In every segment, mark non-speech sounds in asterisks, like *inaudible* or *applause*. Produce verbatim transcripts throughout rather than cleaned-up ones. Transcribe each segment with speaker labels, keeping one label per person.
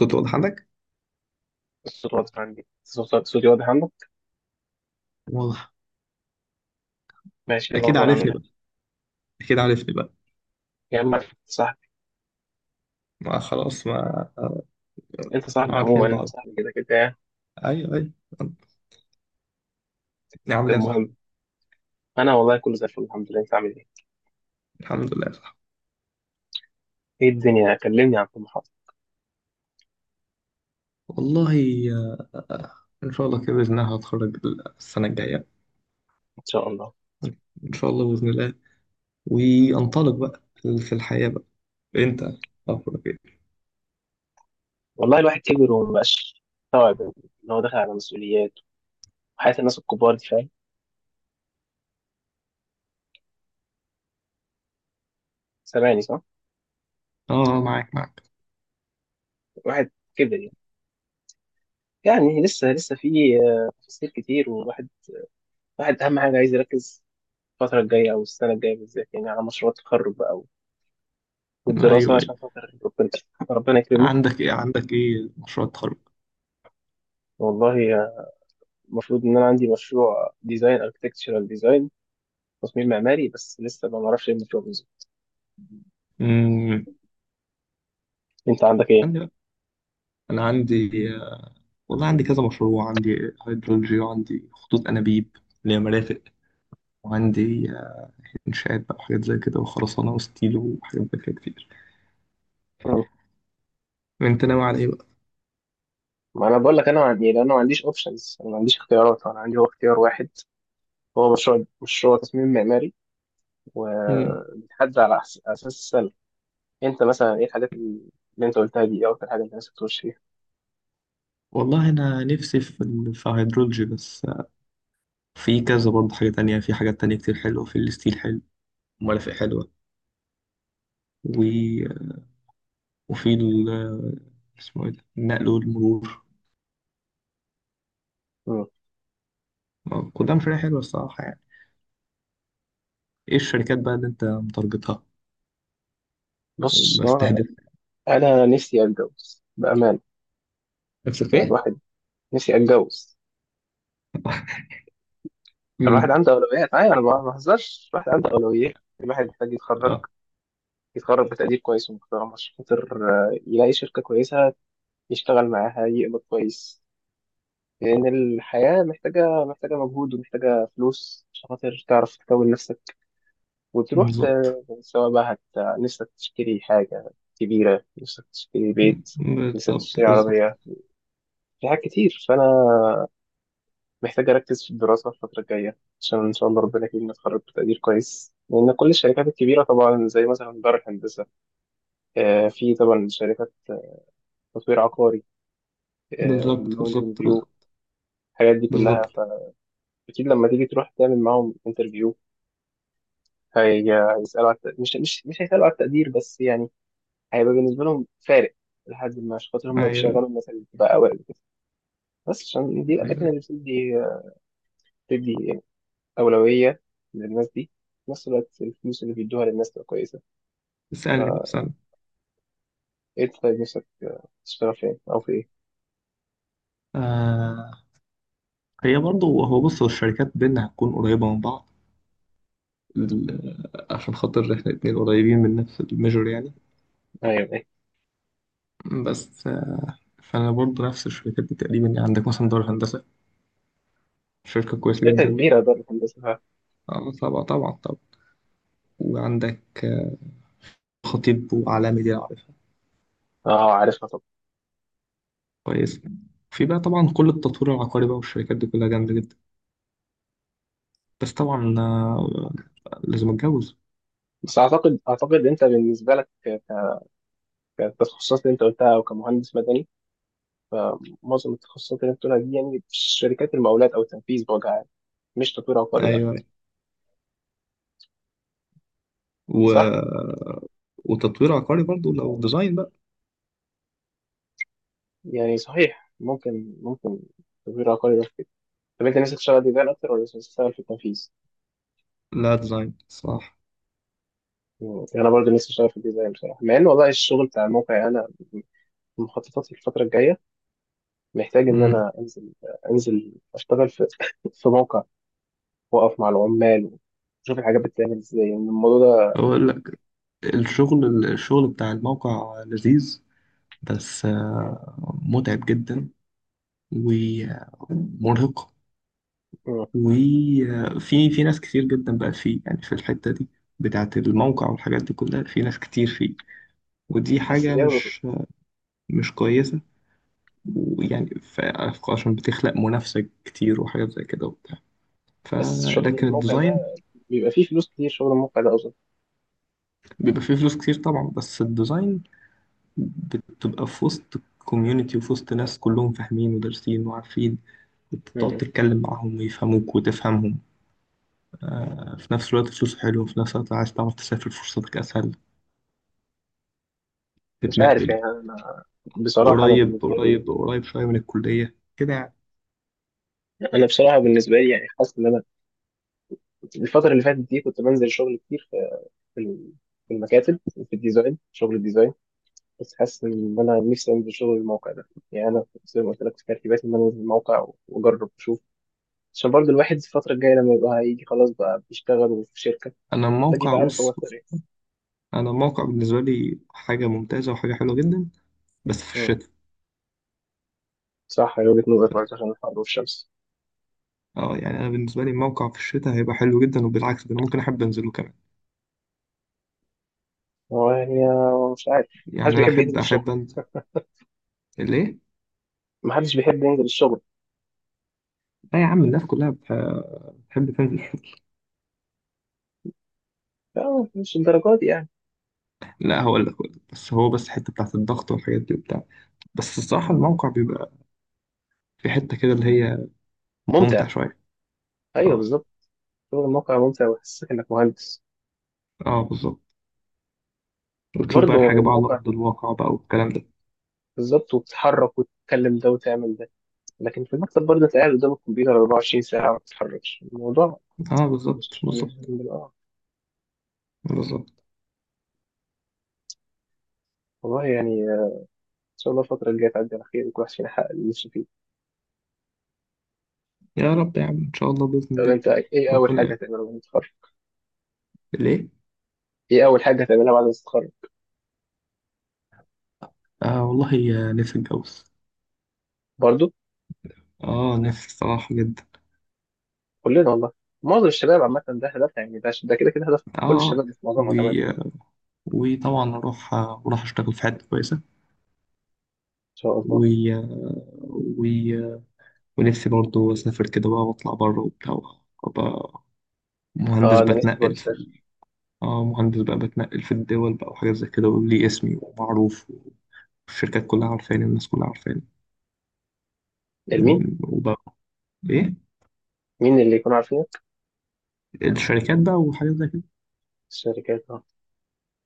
Speaker 1: صوت واضح عندك؟
Speaker 2: الصوت واضح عندي الصوت- صوتي واضح عندك.
Speaker 1: واضح.
Speaker 2: ماشي، إيه
Speaker 1: أكيد
Speaker 2: الاخبار؟ عامل
Speaker 1: عارفني
Speaker 2: ايه
Speaker 1: بقى. أكيد عارفني بقى.
Speaker 2: يا عم أحمد، صاحبي؟
Speaker 1: ما خلاص ما.
Speaker 2: انت صاحبي عموما،
Speaker 1: عارفين
Speaker 2: انت
Speaker 1: بعض.
Speaker 2: صاحبي كده كده يعني.
Speaker 1: أيوه أيوه. عامل إيه يا صاحبي؟
Speaker 2: المهم، انا والله كله زي الفل الحمد لله. انت عامل ايه؟
Speaker 1: الحمد لله يا صاحبي.
Speaker 2: ايه الدنيا؟ كلمني عن طموحاتك.
Speaker 1: والله آه، إن شاء الله كده بإذن الله هتخرج السنة الجاية.
Speaker 2: ان شاء الله.
Speaker 1: إن شاء الله بإذن الله. وأنطلق بقى في الحياة بقى. أنت أخبرك إيه؟
Speaker 2: والله الواحد كبر ومبقاش مستوعب ان هو داخل على مسؤوليات وحياة الناس الكبار دي، فاهم؟ سامعني صح؟
Speaker 1: أه، معاك معاك.
Speaker 2: الواحد كبر يعني، يعني لسه لسه في آه، تفاصيل كتير، والواحد، الواحد اهم حاجه عايز يركز الفتره الجايه او السنه الجايه بالذات يعني على مشروع التخرج بقى
Speaker 1: أيوه
Speaker 2: والدراسه
Speaker 1: أيوه.
Speaker 2: عشان خاطر ربنا. ربنا يكرمه.
Speaker 1: عندك إيه؟ عندك إيه مشروع التخرج؟
Speaker 2: والله المفروض ان انا عندي مشروع ديزاين، اركتكتشرال ديزاين، تصميم معماري، بس لسه ما اعرفش ايه المشروع بالظبط.
Speaker 1: أمم،
Speaker 2: انت عندك ايه؟
Speaker 1: عندي بقى. أنا عندي، آه، والله عندي كذا مشروع. عندي هيدرولوجي وعندي خطوط أنابيب اللي هي مرافق، وعندي إنشاءات بقى وحاجات زي كده، وخرسانة وستيلو وحاجات زي كده كتير.
Speaker 2: مم.
Speaker 1: أنت ناوي على إيه بقى؟
Speaker 2: ما انا بقول لك انا ما عندي إيه، لان انا ما عنديش اوبشنز، انا ما عنديش اختيارات، انا عندي هو اختيار واحد، هو مشروع، مشروع تصميم معماري،
Speaker 1: مم.
Speaker 2: وبيتحدد على أحس- اساس السنه. انت مثلا ايه الحاجات اللي انت قلتها دي؟ ايه اكتر حاجه انت نفسك تخش فيها؟
Speaker 1: والله أنا نفسي في ال- في هيدرولوجي، بس في كذا برضه حاجة تانية، في حاجات تانية كتير حلوة، في الستيل حلو، مرافق حلوة، و... وفي ال، اسمه إيه ده؟ النقل والمرور.
Speaker 2: مم.
Speaker 1: آه، كلها مشاريع حلوة الصراحة يعني. إيه الشركات بقى اللي أنت متارجتها
Speaker 2: بص، هو
Speaker 1: وبستهدفها؟
Speaker 2: انا نفسي اتجوز بامان.
Speaker 1: نفسك في إيه؟
Speaker 2: الواحد، نفسي اتجوز.
Speaker 1: *laughs*
Speaker 2: الواحد
Speaker 1: مم.
Speaker 2: عنده اولويات، ايوه انا ما بهزرش، الواحد عنده اولويات، الواحد محتاج يتخرج،
Speaker 1: اه،
Speaker 2: يتخرج بتقدير كويس ومحترم عشان خاطر آه، يلاقي شركة كويسة يشتغل معاها، يقبض كويس، لأن الحياة محتاجة، محتاجة مجهود ومحتاجة فلوس عشان خاطر تعرف تكون نفسك وتروح ت-
Speaker 1: بالظبط
Speaker 2: سواء بقى هت... نفسك تشتري حاجة كبيرة، نفسك تشتري بيت، نفسك
Speaker 1: بالظبط.
Speaker 2: تشتري
Speaker 1: بالظبط
Speaker 2: عربية، في حاجات كتير. فأنا محتاج أركز في الدراسة الفترة الجاية عشان إن شاء الله ربنا يكرمني أتخرج بتقدير كويس، لأن كل الشركات الكبيرة طبعا زي مثلا دار الهندسة، آه، في طبعا شركات تطوير عقاري،
Speaker 1: بالظبط.
Speaker 2: الماونتن
Speaker 1: بالظبط
Speaker 2: فيو، الحاجات دي كلها.
Speaker 1: بالظبط.
Speaker 2: فأكيد لما تيجي تروح تعمل معاهم انترفيو، هي- هيسألوا على الت- مش مش مش هيسألوا على التقدير بس يعني، هيبقى بالنسبة لهم فارق لحد ما، عشان خاطر هم
Speaker 1: ايوه
Speaker 2: بيشغلوا الناس اللي بتبقى أوائل كده. بس عشان دي الأماكن
Speaker 1: ايوه.
Speaker 2: اللي بتدي، بتدي أولوية للناس دي. في نفس الوقت الفلوس اللي بيدوها للناس تبقى كويسة.
Speaker 1: اسالني بقى
Speaker 2: فإيه،
Speaker 1: اسالني.
Speaker 2: طيب نفسك تشتغل فين أو في إيه؟
Speaker 1: آه، هي برضو، هو بص، هو الشركات بينا هتكون قريبة من بعض. ال- آه، عشان خاطر احنا اتنين قريبين من نفس الميجور يعني.
Speaker 2: أيوه، أيوه.
Speaker 1: بس آه، فانا برضو نفس الشركات دي تقريبا يعني. عندك مثلا دار الهندسة، شركة كويسة
Speaker 2: شركة
Speaker 1: جدا.
Speaker 2: كبيرة دار الهندسة.
Speaker 1: آه، طبعا طبعا طبعا. وعندك، آه، خطيب وعلامي دي أنا عارفها
Speaker 2: اه عارفها طبعا.
Speaker 1: كويس. في بقى طبعا كل التطوير العقاري بقى، والشركات دي كلها جامدة جدا. بس طبعا آه، لازم اتجوز.
Speaker 2: بس أعتقد، أعتقد أنت بالنسبة لك كالتخصصات اللي انت قلتها او كمهندس مدني، فمعظم التخصصات اللي انت قلتها دي يعني في شركات المقاولات او التنفيذ بوجه عام، مش تطوير عقاري
Speaker 1: ايوه
Speaker 2: يعني.
Speaker 1: أيوة. و...
Speaker 2: صح؟
Speaker 1: آه، وتطوير عقاري برضو لو ديزاين بقى.
Speaker 2: يعني صحيح، ممكن، ممكن تطوير عقاري بس كده. طب انت نفسك تشتغل ديزاين اكتر ولا نفسك تشتغل في التنفيذ؟
Speaker 1: لا، ديزاين صح.
Speaker 2: مم. انا برضه نفسي اشتغل في الديزاين بصراحه، مع ان والله الشغل بتاع الموقع، يعني انا مخططاتي الفتره الجايه محتاج ان
Speaker 1: امم.
Speaker 2: انا انزل، انزل اشتغل في *laughs* في موقع، واقف مع العمال، واشوف الحاجات بتتعمل ازاي، يعني الموضوع ده.
Speaker 1: اقول لك، الشغل الشغل بتاع الموقع لذيذ، بس آه، متعب جدا ومرهق.
Speaker 2: مم.
Speaker 1: وفي، في ناس كتير جدا بقى فيه يعني، في الحتة دي بتاعة الموقع والحاجات دي كلها، في ناس كتير فيه، ودي
Speaker 2: بس
Speaker 1: حاجة
Speaker 2: بياخد،
Speaker 1: مش مش كويسة ويعني ف- عشان بتخلق منافسة كتير وحاجات زي كده وبتاع. ف،
Speaker 2: بس شغل
Speaker 1: لكن
Speaker 2: الموقع ده
Speaker 1: الديزاين،
Speaker 2: بيبقى فيه فلوس كتير، شغل الموقع ده أظن.
Speaker 1: بيبقى فيه فلوس كتير طبعا، بس الديزاين بتبقى في وسط كوميونتي، وفي وسط ناس كلهم فاهمين ودارسين وعارفين، وتقعد
Speaker 2: مم.
Speaker 1: تتكلم معاهم ويفهموك وتفهمهم. في نفس الوقت فلوس حلوة، وفي نفس الوقت عايز تعرف تسافر فرصتك أسهل،
Speaker 2: مش عارف
Speaker 1: تتنقل.
Speaker 2: يعني. أنا بصراحة، أنا
Speaker 1: قريب
Speaker 2: بالنسبة لي،
Speaker 1: قريب قريب شوية من الكلية كده يعني.
Speaker 2: أنا بصراحة بالنسبة لي يعني حاسس إن أنا الفترة اللي فاتت دي كنت بنزل شغل كتير في، في ال- في المكاتب، في الديزاين، شغل الديزاين. بس حاسس إن أنا نفسي أنزل شغل الموقع ده، يعني أنا كنت زي ما قلت لك في ترتيباتي إن أنا أنزل الموقع وأجرب وأشوف، عشان برضه الواحد الفترة الجاية لما يبقى هيجي خلاص بقى بيشتغل في شركة
Speaker 1: أنا
Speaker 2: محتاج
Speaker 1: الموقع
Speaker 2: يبقى عارف هو
Speaker 1: بص
Speaker 2: اختار
Speaker 1: بص،
Speaker 2: إيه.
Speaker 1: أنا الموقع بالنسبة لي حاجة ممتازة وحاجة حلوة جدا، بس في
Speaker 2: مم.
Speaker 1: الشتاء.
Speaker 2: صح، هي وجهة نظر برضه عشان الحر والشمس.
Speaker 1: اه يعني انا بالنسبه لي الموقع في الشتاء هيبقى حلو جدا، وبالعكس ده انا ممكن احب انزله كمان.
Speaker 2: هو يعني آه، مش عارف. محدش
Speaker 1: يعني انا
Speaker 2: بيحب ينزل
Speaker 1: احب
Speaker 2: الشغل.
Speaker 1: احب انزل. ليه.
Speaker 2: ما حدش بيحب ينزل الشغل.
Speaker 1: لا يا عم، الناس كلها بتح- بتحب تنزل.
Speaker 2: لا، مش الدرجات دي يعني.
Speaker 1: لا، هقول لك هقول لك. بس هو، بس الحته بتاعت الضغط والحاجات دي وبتاع. بس الصراحه الموقع بيبقى في حته كده اللي هي ممتع
Speaker 2: ممتع.
Speaker 1: شويه.
Speaker 2: ايوه
Speaker 1: اه.
Speaker 2: بالظبط، شغل الموقع ممتع ويحسسك انك مهندس.
Speaker 1: اه بالظبط. وتشوف بقى
Speaker 2: برضه
Speaker 1: الحاجه بقى على
Speaker 2: الموقع،
Speaker 1: ارض الواقع بقى والكلام ده.
Speaker 2: بالظبط، وبتتحرك وتتكلم ده وتعمل ده، لكن في المكتب برضه انت قاعد قدام الكمبيوتر اربعة وعشرين ساعة ما بتتحركش الموضوع.
Speaker 1: اه بالظبط
Speaker 2: مش مش
Speaker 1: بالظبط
Speaker 2: آه.
Speaker 1: بالظبط.
Speaker 2: والله يعني، آه، ان شاء الله الفترة الجاية تعدي على خير وكل واحد فينا يحقق اللي نفسه فيه.
Speaker 1: يا رب يا عم، ان شاء الله باذن
Speaker 2: طب
Speaker 1: الله.
Speaker 2: انت ايه اول حاجة
Speaker 1: ربنا.
Speaker 2: هتعملها بعد ما تتخرج؟
Speaker 1: ليه.
Speaker 2: ايه اول حاجة هتعملها بعد ما تتخرج؟
Speaker 1: آه والله يا، نفسي اتجوز.
Speaker 2: برضه.
Speaker 1: اه نفسي الصراحه جدا.
Speaker 2: كلنا والله، معظم الشباب عامة ده هدفها، يعني ده، ده كده كده هدف
Speaker 1: اه
Speaker 2: كل
Speaker 1: آه.
Speaker 2: الشباب في معظمها
Speaker 1: و...
Speaker 2: كمان. ان
Speaker 1: وطبعا اروح اروح اشتغل في حته كويسه.
Speaker 2: شاء الله.
Speaker 1: و... و... ونفسي برضو اسافر كده بقى واطلع بره وبتاع. وأبقى مهندس
Speaker 2: اه انا نفسي برضه
Speaker 1: بتنقل في ال-
Speaker 2: اسافر.
Speaker 1: اه مهندس بقى بتنقل في الدول بقى وحاجات زي كده، وليه اسمي ومعروف، والشركات كلها عارفاني والناس كلها عارفاني.
Speaker 2: لمين؟
Speaker 1: إن- وبقى، ايه،
Speaker 2: مين اللي يكون عارفينه؟
Speaker 1: الشركات بقى وحاجات زي كده.
Speaker 2: الشركات، اه.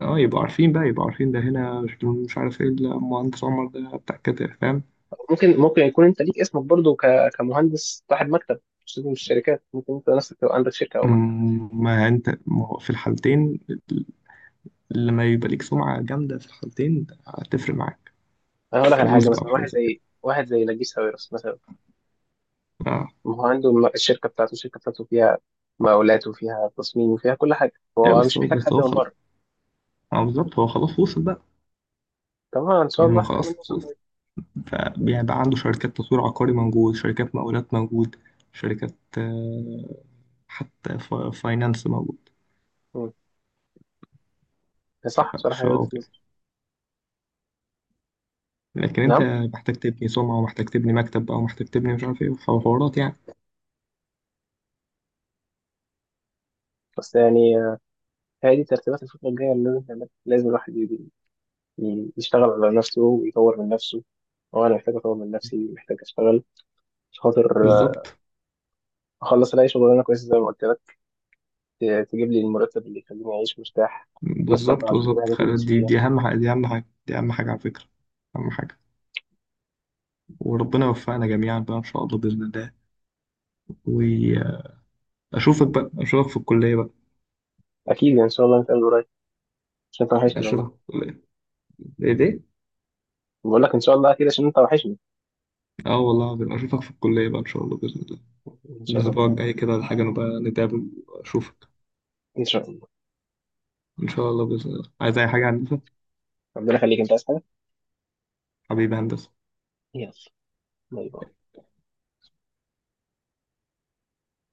Speaker 1: اه يبقوا عارفين بقى، يبقوا عارفين ده هنا شكله مش عارف ايه، لا، مهندس عمر ده بتاع كده، فاهم.
Speaker 2: ممكن، ممكن يكون انت ليك اسمك برضه ك... كمهندس صاحب مكتب، مش لازم الشركات، ممكن انت نفسك تبقى عندك شركه او مكتب.
Speaker 1: مم، ما انت، ما هو في الحالتين، لما يبقى ليك سمعة جامدة في الحالتين هتفرق معاك.
Speaker 2: انا هقول لك على
Speaker 1: فلوس
Speaker 2: حاجه،
Speaker 1: بقى
Speaker 2: مثلا واحد
Speaker 1: وحاجات زي كده.
Speaker 2: زي، واحد زي نجيب ساويرس مثلا،
Speaker 1: اه.
Speaker 2: ما هو عنده م- الشركه بتاعته، الشركه بتاعته فيها مقاولات وفيها تصميم وفيها كل حاجه،
Speaker 1: ايه
Speaker 2: هو
Speaker 1: بس
Speaker 2: مش
Speaker 1: هو،
Speaker 2: محتاج
Speaker 1: بس
Speaker 2: حد
Speaker 1: هو
Speaker 2: من
Speaker 1: خلاص.
Speaker 2: بره.
Speaker 1: اه بالظبط، هو خلاص وصل بقى.
Speaker 2: طبعا ان شاء
Speaker 1: يعني
Speaker 2: الله
Speaker 1: هو
Speaker 2: احنا كمان
Speaker 1: خلاص
Speaker 2: نوصل زي.
Speaker 1: وصل. فبيبقى عنده شركات تطوير عقاري موجود، شركات مقاولات موجود، شركات، آه، حتى فا- فاينانس موجود.
Speaker 2: مم. صح بصراحه، هي
Speaker 1: فشو
Speaker 2: وجهه
Speaker 1: كده.
Speaker 2: نظر.
Speaker 1: لكن انت
Speaker 2: نعم.
Speaker 1: محتاج تبني سمعة، ومحتاج تبني مكتب، او محتاج تبني مش عارف ايه وحوارات يعني.
Speaker 2: بس يعني آه، هي دي ترتيبات الفتره الجايه اللي لازم نعملها. لازم الواحد ي- يشتغل على نفسه ويطور من نفسه. هو انا محتاج اطور من نفسي، محتاج اشتغل عشان خاطر آه،
Speaker 1: بالظبط
Speaker 2: اخلص الاقي شغلانه كويسه زي ما قلت لك، ت- تجيب لي المرتب اللي يخليني اعيش مرتاح. بس لو
Speaker 1: بالظبط
Speaker 2: اعرف اجيب
Speaker 1: بالظبط.
Speaker 2: الحاجات اللي
Speaker 1: خل-
Speaker 2: نفسي
Speaker 1: دي،
Speaker 2: فيها.
Speaker 1: دي اهم حاجة، دي اهم حاجة، دي اهم حاجة على فكرة. اهم حاجة. وربنا يوفقنا جميعا بقى ان شاء الله باذن الله. واشوفك بقى، اشوفك في الكلية بقى.
Speaker 2: اكيد يعني ان شاء الله نتقابل قريب، عشان انت وحشني والله.
Speaker 1: اشوفك في الكلية. ايه ده.
Speaker 2: بقول لك ان شاء الله اكيد، عشان انت وحشني.
Speaker 1: اه والله العظيم اشوفك في الكلية بقى ان شاء الله باذن الله.
Speaker 2: ان شاء
Speaker 1: الأسبوع
Speaker 2: الله.
Speaker 1: الجاي كده الحاجة نبقى نتقابل وأشوفك.
Speaker 2: ان شاء الله.
Speaker 1: إن شاء الله بإذن الله. عايز أي حاجة يا هندسة؟
Speaker 2: ربنا يخليك، انت عايز حاجه.
Speaker 1: حبيبي هندسة.
Speaker 2: يلا، باي باي.